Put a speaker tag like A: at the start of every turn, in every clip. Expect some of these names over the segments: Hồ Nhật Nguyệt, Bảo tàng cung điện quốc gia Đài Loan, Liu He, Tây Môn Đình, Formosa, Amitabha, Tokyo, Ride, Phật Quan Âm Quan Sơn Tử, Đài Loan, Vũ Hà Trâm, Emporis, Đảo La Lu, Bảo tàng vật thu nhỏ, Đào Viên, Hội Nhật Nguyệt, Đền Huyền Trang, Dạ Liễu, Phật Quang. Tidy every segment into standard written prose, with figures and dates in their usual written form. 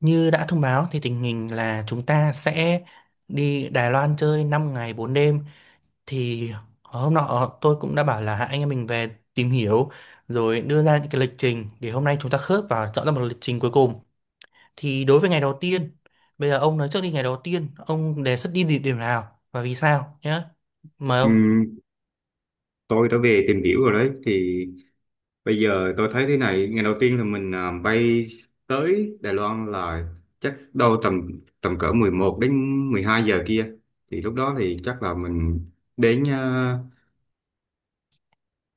A: Như đã thông báo thì tình hình là chúng ta sẽ đi Đài Loan chơi 5 ngày 4 đêm, thì hôm nọ tôi cũng đã bảo là hai anh em mình về tìm hiểu rồi đưa ra những cái lịch trình để hôm nay chúng ta khớp và chọn ra một lịch trình cuối cùng. Thì đối với ngày đầu tiên, bây giờ ông nói trước đi, ngày đầu tiên ông đề xuất đi địa điểm nào và vì sao nhé. Mời ông.
B: Ừm, tôi đã về tìm hiểu rồi đấy. Thì bây giờ tôi thấy thế này, ngày đầu tiên là mình bay tới Đài Loan là chắc đâu tầm tầm cỡ 11 đến 12 giờ kia. Thì lúc đó thì chắc là mình đến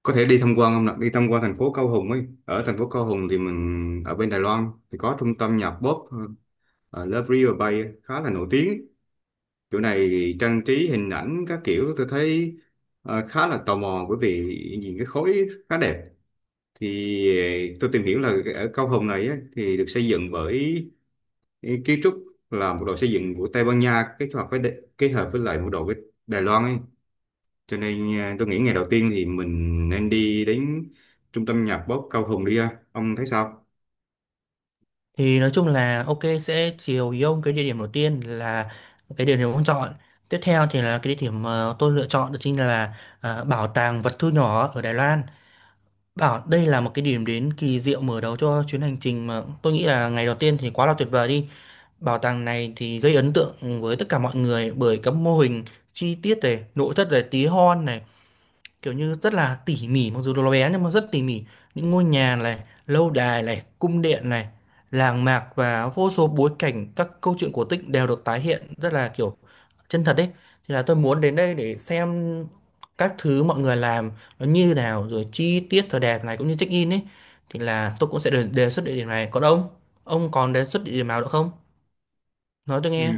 B: có thể đi tham quan không nào? Đi tham quan thành phố Cao Hùng ấy. Ở thành phố Cao Hùng thì mình ở bên Đài Loan thì có trung tâm nhạc pop Love River Bay khá là nổi tiếng. Chỗ này trang trí hình ảnh các kiểu, tôi thấy khá là tò mò bởi vì nhìn cái khối khá đẹp. Thì tôi tìm hiểu là ở Cao Hùng này á, thì được xây dựng bởi kiến trúc là một đội xây dựng của Tây Ban Nha kết hợp với kết hợp với lại một đội với Đài Loan ấy. Cho nên tôi nghĩ ngày đầu tiên thì mình nên đi đến trung tâm nhạc pop Cao Hùng đi ha. Ông thấy sao?
A: Thì nói chung là ok, sẽ chiều ý ông. Cái địa điểm đầu tiên là cái địa điểm ông chọn. Tiếp theo thì là cái địa điểm tôi lựa chọn đó chính là bảo tàng vật thu nhỏ ở Đài Loan. Bảo đây là một cái điểm đến kỳ diệu mở đầu cho chuyến hành trình mà tôi nghĩ là ngày đầu tiên thì quá là tuyệt vời đi. Bảo tàng này thì gây ấn tượng với tất cả mọi người bởi các mô hình chi tiết này, nội thất này, tí hon này, kiểu như rất là tỉ mỉ, mặc dù nó bé nhưng mà rất tỉ mỉ. Những ngôi nhà này, lâu đài này, cung điện này, làng mạc, và vô số bối cảnh các câu chuyện cổ tích đều được tái hiện rất là kiểu chân thật đấy. Thì là tôi muốn đến đây để xem các thứ mọi người làm nó như nào, rồi chi tiết thời đẹp này cũng như check in ấy. Thì là tôi cũng sẽ đề xuất địa điểm này. Còn ông còn đề xuất địa điểm nào nữa không, nói tôi nghe.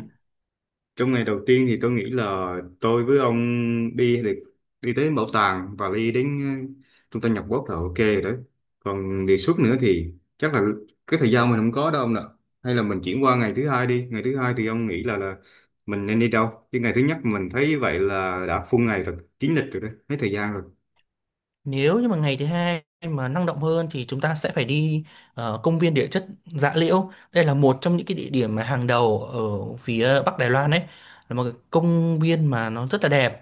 B: Trong ngày đầu tiên thì tôi nghĩ là tôi với ông đi được, đi tới bảo tàng và đi đến ờ, trung tâm nhập quốc là ok rồi đấy. Còn đề xuất nữa thì chắc là cái thời gian mình không có đâu ông nè. Hay là mình chuyển qua ngày thứ hai đi. Ngày thứ hai thì ông nghĩ là mình nên đi đâu? Chứ ngày thứ nhất mình thấy vậy là đã full ngày rồi, kín lịch rồi đấy, hết thời gian rồi.
A: Nếu như mà ngày thứ hai mà năng động hơn thì chúng ta sẽ phải đi công viên địa chất Dạ Liễu. Đây là một trong những cái địa điểm mà hàng đầu ở phía Bắc Đài Loan đấy. Là một cái công viên mà nó rất là đẹp.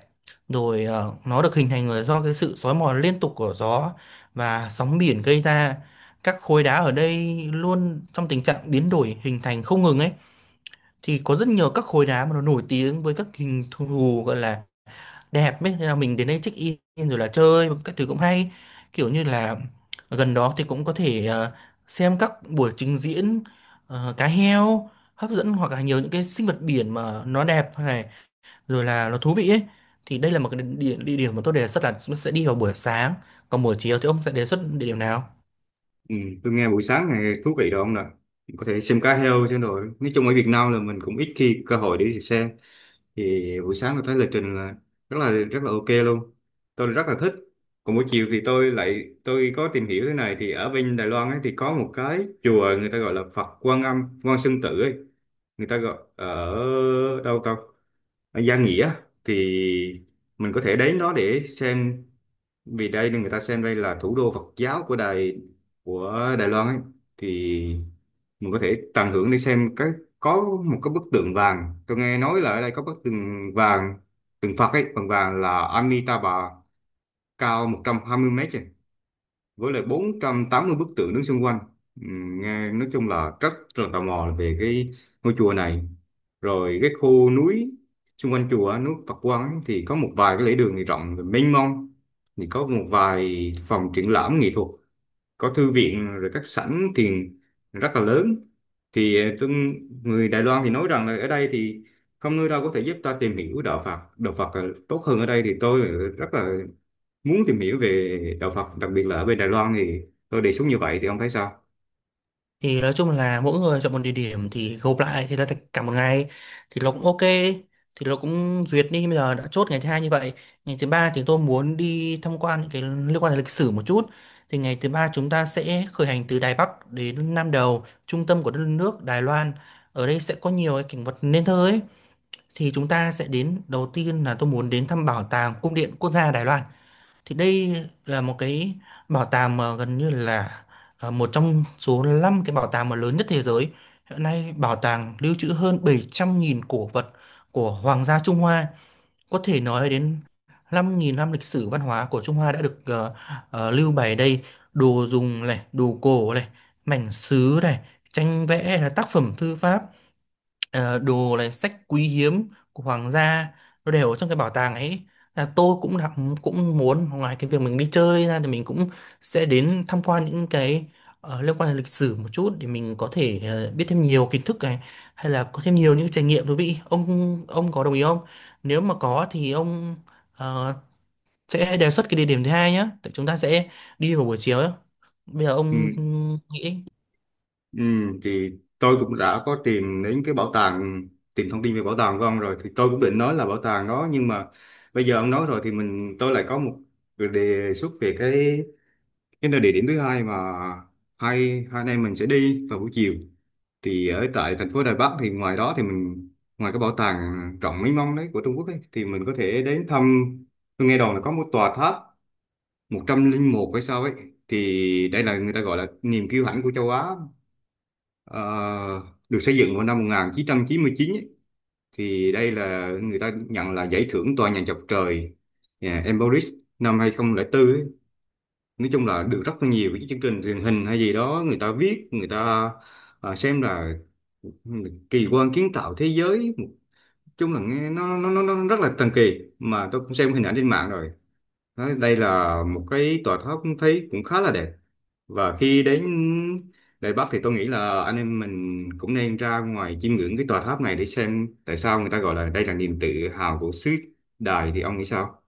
A: Rồi nó được hình thành là do cái sự xói mòn liên tục của gió và sóng biển gây ra. Các khối đá ở đây luôn trong tình trạng biến đổi hình thành không ngừng ấy. Thì có rất nhiều các khối đá mà nó nổi tiếng với các hình thù gọi là đẹp ấy, thế là mình đến đây check in rồi là chơi các thứ cũng hay, kiểu như là gần đó thì cũng có thể xem các buổi trình diễn cá heo hấp dẫn, hoặc là nhiều những cái sinh vật biển mà nó đẹp này, rồi là nó thú vị ấy. Thì đây là một cái địa điểm mà tôi đề xuất là sẽ đi vào buổi sáng. Còn buổi chiều thì ông sẽ đề xuất địa điểm nào?
B: Ừ, tôi nghe buổi sáng này thú vị rồi ông nè. Có thể xem cá heo xem rồi. Nói chung ở Việt Nam là mình cũng ít khi cơ hội để đi xem. Thì buổi sáng tôi thấy lịch trình là rất là rất là ok luôn, tôi rất là thích. Còn buổi chiều thì tôi có tìm hiểu thế này, thì ở bên Đài Loan ấy thì có một cái chùa người ta gọi là Phật Quan Âm Quan Sơn Tử ấy, người ta gọi ở đâu ta, ở Gia Nghĩa. Thì mình có thể đến đó để xem vì đây người ta xem đây là thủ đô Phật giáo của Đài Loan ấy. Thì mình có thể tận hưởng để xem cái, có một cái bức tượng vàng, tôi nghe nói là ở đây có bức tượng vàng, tượng Phật ấy bằng vàng là Amitabha cao 120 mét ấy, với lại 480 bức tượng đứng xung quanh. Nghe nói chung là rất là tò mò về cái ngôi chùa này, rồi cái khu núi xung quanh chùa núi Phật Quang ấy, thì có một vài cái lễ đường thì rộng và mênh mông, thì có một vài phòng triển lãm nghệ thuật, có thư viện rồi các sảnh thiền rất là lớn. Thì người Đài Loan thì nói rằng là ở đây thì không nơi đâu có thể giúp ta tìm hiểu đạo Phật, đạo Phật tốt hơn ở đây. Thì tôi là rất là muốn tìm hiểu về đạo Phật đặc biệt là ở bên Đài Loan. Thì tôi đề xuất như vậy, thì ông thấy sao?
A: Thì nói chung là mỗi người chọn một địa điểm thì gộp lại thì là thành cả một ngày, thì nó cũng ok, thì nó cũng duyệt đi. Bây giờ đã chốt ngày thứ hai như vậy. Ngày thứ ba thì tôi muốn đi tham quan những cái liên quan đến lịch sử một chút. Thì ngày thứ ba chúng ta sẽ khởi hành từ Đài Bắc đến Nam Đầu, trung tâm của đất nước Đài Loan. Ở đây sẽ có nhiều cái cảnh vật nên thơ ấy. Thì chúng ta sẽ đến đầu tiên là tôi muốn đến thăm bảo tàng cung điện quốc gia Đài Loan. Thì đây là một cái bảo tàng mà gần như là một trong số 5 cái bảo tàng mà lớn nhất thế giới. Hiện nay bảo tàng lưu trữ hơn 700.000 cổ vật của Hoàng gia Trung Hoa. Có thể nói đến 5.000 năm lịch sử văn hóa của Trung Hoa đã được lưu bày ở đây. Đồ dùng này, đồ cổ này, mảnh sứ này, tranh vẽ, là tác phẩm thư pháp, đồ này, sách quý hiếm của hoàng gia nó đều ở trong cái bảo tàng ấy. Là tôi cũng đã cũng muốn ngoài cái việc mình đi chơi ra thì mình cũng sẽ đến tham quan những cái liên quan đến lịch sử một chút để mình có thể biết thêm nhiều kiến thức này, hay là có thêm nhiều những trải nghiệm thú vị. Ông có đồng ý không? Nếu mà có thì ông ờ, sẽ đề xuất cái địa điểm thứ hai nhé. Chúng ta sẽ đi vào buổi chiều ấy. Bây giờ
B: Ừ,
A: ông nghĩ.
B: ừ, thì tôi cũng đã có tìm đến cái bảo tàng, tìm thông tin về bảo tàng của ông rồi. Thì tôi cũng định nói là bảo tàng đó nhưng mà bây giờ ông nói rồi thì tôi lại có một đề xuất về cái nơi địa điểm thứ hai mà hai hai anh em mình sẽ đi vào buổi chiều. Thì ở tại thành phố Đài Bắc thì ngoài đó thì mình, ngoài cái bảo tàng rộng mênh mông đấy của Trung Quốc ấy, thì mình có thể đến thăm. Tôi nghe đồn là có một tòa tháp 101 hay sao ấy, thì đây là người ta gọi là niềm kiêu hãnh của châu Á. Ờ, Được xây dựng vào năm 1999 ấy. Thì đây là người ta nhận là giải thưởng tòa nhà chọc trời yeah, Emporis năm 2004 ấy. Nói chung là được rất là nhiều cái chương trình truyền hình hay gì đó người ta viết, người ta xem là kỳ quan kiến tạo thế giới. Nói chung là nghe nó rất là thần kỳ, mà tôi cũng xem hình ảnh trên mạng rồi. Nói đây là một cái tòa tháp thấy cũng khá là đẹp. Và khi đến Đài Bắc thì tôi nghĩ là anh em mình cũng nên ra ngoài chiêm ngưỡng cái tòa tháp này để xem tại sao người ta gọi là đây là niềm tự hào của xứ Đài. Thì ông nghĩ sao?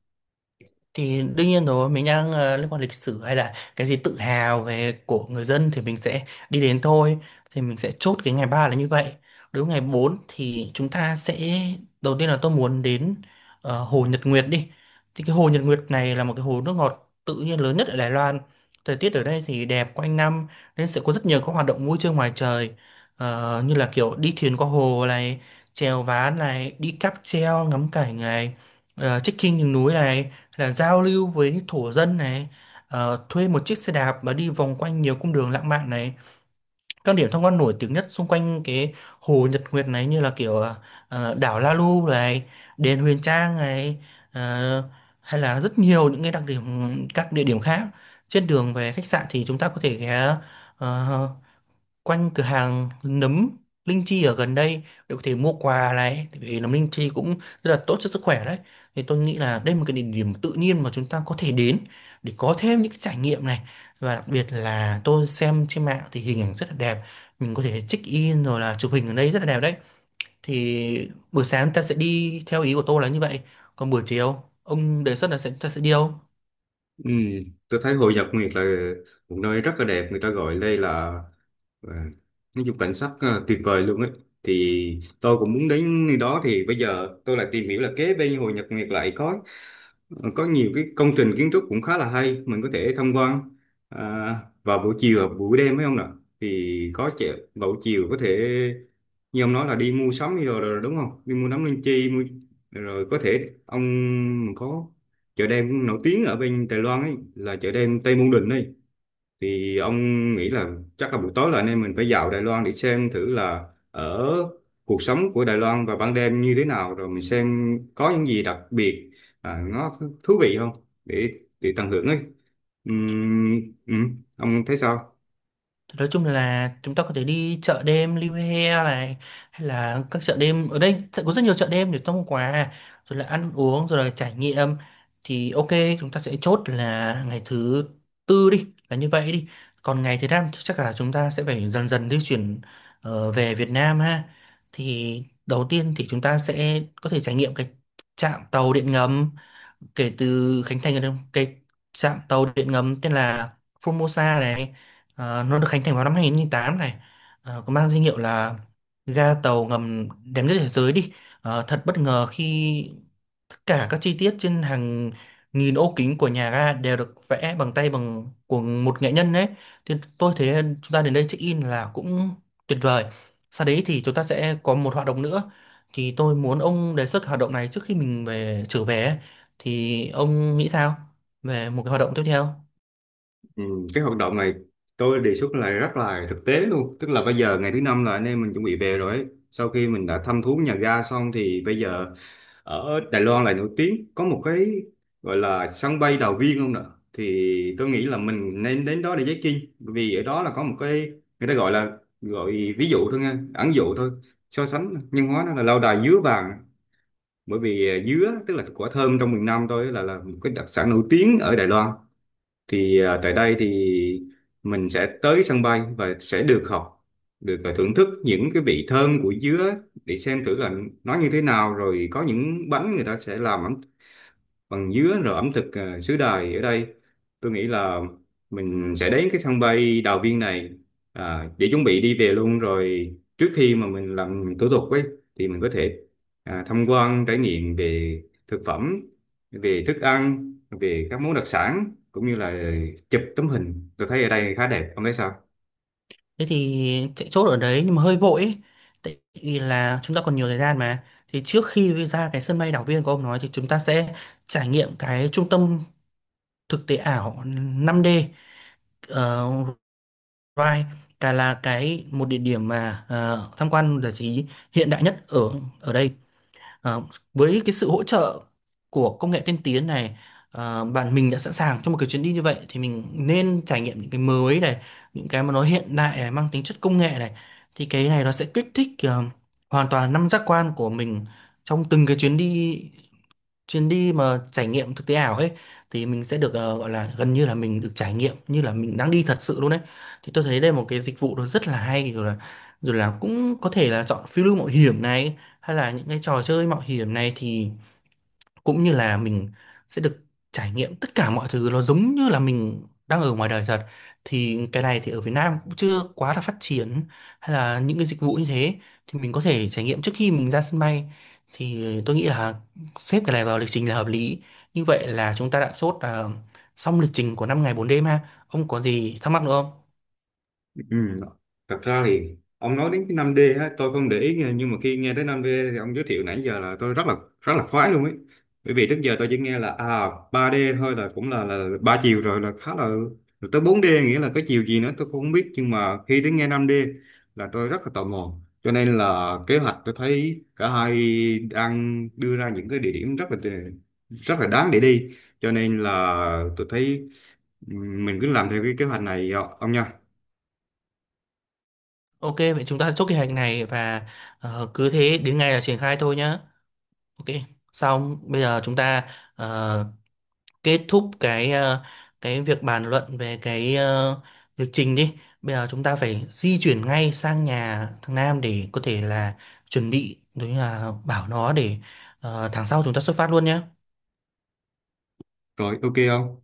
A: Thì đương nhiên rồi, mình đang liên quan lịch sử hay là cái gì tự hào về của người dân thì mình sẽ đi đến thôi. Thì mình sẽ chốt cái ngày 3 là như vậy. Đối với ngày 4 thì chúng ta sẽ đầu tiên là tôi muốn đến hồ Nhật Nguyệt đi. Thì cái hồ Nhật Nguyệt này là một cái hồ nước ngọt tự nhiên lớn nhất ở Đài Loan. Thời tiết ở đây thì đẹp quanh năm nên sẽ có rất nhiều các hoạt động vui chơi ngoài trời. Như là kiểu đi thuyền qua hồ này, chèo ván này, đi cáp treo ngắm cảnh này, trekking những núi này, là giao lưu với thổ dân này, thuê một chiếc xe đạp mà đi vòng quanh nhiều cung đường lãng mạn này. Các điểm tham quan nổi tiếng nhất xung quanh cái hồ Nhật Nguyệt này như là kiểu đảo La Lu này, đền Huyền Trang này, ờ, hay là rất nhiều những cái đặc điểm, các địa điểm khác. Trên đường về khách sạn thì chúng ta có thể ghé ờ, quanh cửa hàng nấm linh chi ở gần đây để có thể mua quà này, tại vì nấm linh chi cũng rất là tốt cho sức khỏe đấy. Thì tôi nghĩ là đây là một cái địa điểm tự nhiên mà chúng ta có thể đến để có thêm những cái trải nghiệm này. Và đặc biệt là tôi xem trên mạng thì hình ảnh rất là đẹp, mình có thể check in rồi là chụp hình ở đây rất là đẹp đấy. Thì buổi sáng ta sẽ đi theo ý của tôi là như vậy. Còn buổi chiều ông đề xuất là ta sẽ đi đâu?
B: Ừ, tôi thấy Hội Nhật Nguyệt là một nơi rất là đẹp, người ta gọi đây là, à, nói chung cảnh sắc tuyệt vời luôn ấy. Thì tôi cũng muốn đến nơi đó. Thì bây giờ tôi lại tìm hiểu là kế bên Hồ Nhật Nguyệt lại có có nhiều cái công trình kiến trúc cũng khá là hay, mình có thể tham quan à, vào buổi chiều hoặc buổi đêm phải không nào? Thì có trẻ vào buổi chiều có thể như ông nói là đi mua sắm đi rồi, rồi đúng không, đi mua nắm linh chi mua, rồi có thể ông có chợ đêm nổi tiếng ở bên Đài Loan ấy là chợ đêm Tây Môn Đình ấy. Thì ông nghĩ là chắc là buổi tối là anh em mình phải vào Đài Loan để xem thử là ở cuộc sống của Đài Loan vào ban đêm như thế nào, rồi mình xem có những gì đặc biệt, nó thú vị không, để để tận hưởng ấy. Ừm, ông thấy sao?
A: Nói chung là chúng ta có thể đi chợ đêm Liu He này, hay là các chợ đêm ở đây sẽ có rất nhiều chợ đêm để mua quà, rồi là ăn uống rồi là trải nghiệm. Thì ok, chúng ta sẽ chốt là ngày thứ tư đi là như vậy đi. Còn ngày thứ năm thì chắc là chúng ta sẽ phải dần dần di chuyển về Việt Nam ha. Thì đầu tiên thì chúng ta sẽ có thể trải nghiệm cái trạm tàu điện ngầm kể từ khánh thành ở cái trạm tàu điện ngầm tên là Formosa này. Nó được khánh thành vào năm 2008 này. Có mang danh hiệu là ga tàu ngầm đẹp nhất thế giới đi. Thật bất ngờ khi tất cả các chi tiết trên hàng nghìn ô kính của nhà ga đều được vẽ bằng tay bằng của một nghệ nhân đấy. Thì tôi thấy chúng ta đến đây check in là cũng tuyệt vời. Sau đấy thì chúng ta sẽ có một hoạt động nữa. Thì tôi muốn ông đề xuất hoạt động này trước khi mình trở về. Thì ông nghĩ sao về một cái hoạt động tiếp theo?
B: Cái hoạt động này tôi đề xuất là rất là thực tế luôn, tức là bây giờ ngày thứ năm là anh em mình chuẩn bị về rồi ấy. Sau khi mình đã thăm thú nhà ga xong thì bây giờ ở Đài Loan là nổi tiếng có một cái gọi là sân bay Đào Viên không nè. Thì tôi nghĩ là mình nên đến đó để check in, bởi vì ở đó là có một cái người ta gọi là, gọi ví dụ thôi nha, ẩn dụ thôi, so sánh nhân hóa nó là lâu đài dứa vàng. Bởi vì dứa tức là quả thơm trong miền Nam thôi là một cái đặc sản nổi tiếng ở Đài Loan. Thì tại đây thì mình sẽ tới sân bay và sẽ được học được thưởng thức những cái vị thơm của dứa, để xem thử là nó như thế nào, rồi có những bánh người ta sẽ làm ẩm bằng dứa, rồi ẩm thực xứ Đài ở đây. Tôi nghĩ là mình sẽ đến cái sân bay Đào Viên này để chuẩn bị đi về luôn rồi. Trước khi mà mình làm thủ tục ấy thì mình có thể tham quan trải nghiệm về thực phẩm, về thức ăn, về các món đặc sản, cũng như là chụp tấm hình, tôi thấy ở đây khá đẹp. Ông thấy sao?
A: Thế thì chạy chốt ở đấy nhưng mà hơi vội ấy. Tại vì là chúng ta còn nhiều thời gian mà, thì trước khi ra cái sân bay đảo viên của ông nói thì chúng ta sẽ trải nghiệm cái trung tâm thực tế ảo 5D ở Ride. Cả là cái một địa điểm mà tham quan giải trí hiện đại nhất ở ở đây. Ờ, với cái sự hỗ trợ của công nghệ tiên tiến này, bạn mình đã sẵn sàng cho một cái chuyến đi như vậy thì mình nên trải nghiệm những cái mới này, những cái mà nó hiện đại này, mang tính chất công nghệ này. Thì cái này nó sẽ kích thích hoàn toàn năm giác quan của mình trong từng cái chuyến đi, chuyến đi mà trải nghiệm thực tế ảo ấy. Thì mình sẽ được gọi là gần như là mình được trải nghiệm như là mình đang đi thật sự luôn đấy. Thì tôi thấy đây là một cái dịch vụ nó rất là hay, rồi là cũng có thể là chọn phiêu lưu mạo hiểm này, hay là những cái trò chơi mạo hiểm này, thì cũng như là mình sẽ được trải nghiệm tất cả mọi thứ nó giống như là mình đang ở ngoài đời thật. Thì cái này thì ở Việt Nam cũng chưa quá là phát triển hay là những cái dịch vụ như thế. Thì mình có thể trải nghiệm trước khi mình ra sân bay. Thì tôi nghĩ là xếp cái này vào lịch trình là hợp lý. Như vậy là chúng ta đã chốt là xong lịch trình của 5 ngày 4 đêm ha. Ông có gì thắc mắc nữa không?
B: Ừ. Thật ra thì ông nói đến cái năm d á, tôi không để ý nghe, nhưng mà khi nghe tới năm d thì ông giới thiệu nãy giờ là tôi rất là khoái luôn ấy. Bởi vì trước giờ tôi chỉ nghe là à ba d thôi, là cũng là ba chiều rồi, là khá là, rồi tới bốn d nghĩa là cái chiều gì nữa tôi cũng không biết, nhưng mà khi đến nghe năm d là tôi rất là tò mò. Cho nên là kế hoạch tôi thấy cả hai đang đưa ra những cái địa điểm rất là đáng để đi. Cho nên là tôi thấy, ừ, mình cứ làm theo cái kế hoạch này ông nha.
A: Ok, vậy chúng ta chốt kế hoạch này và cứ thế đến ngày là triển khai thôi nhá. Ok, xong bây giờ chúng ta ờ, kết thúc cái cái việc bàn luận về cái lịch trình đi. Bây giờ chúng ta phải di chuyển ngay sang nhà thằng Nam để có thể là chuẩn bị, đối là bảo nó để tháng sau chúng ta xuất phát luôn nhé.
B: Rồi ok không?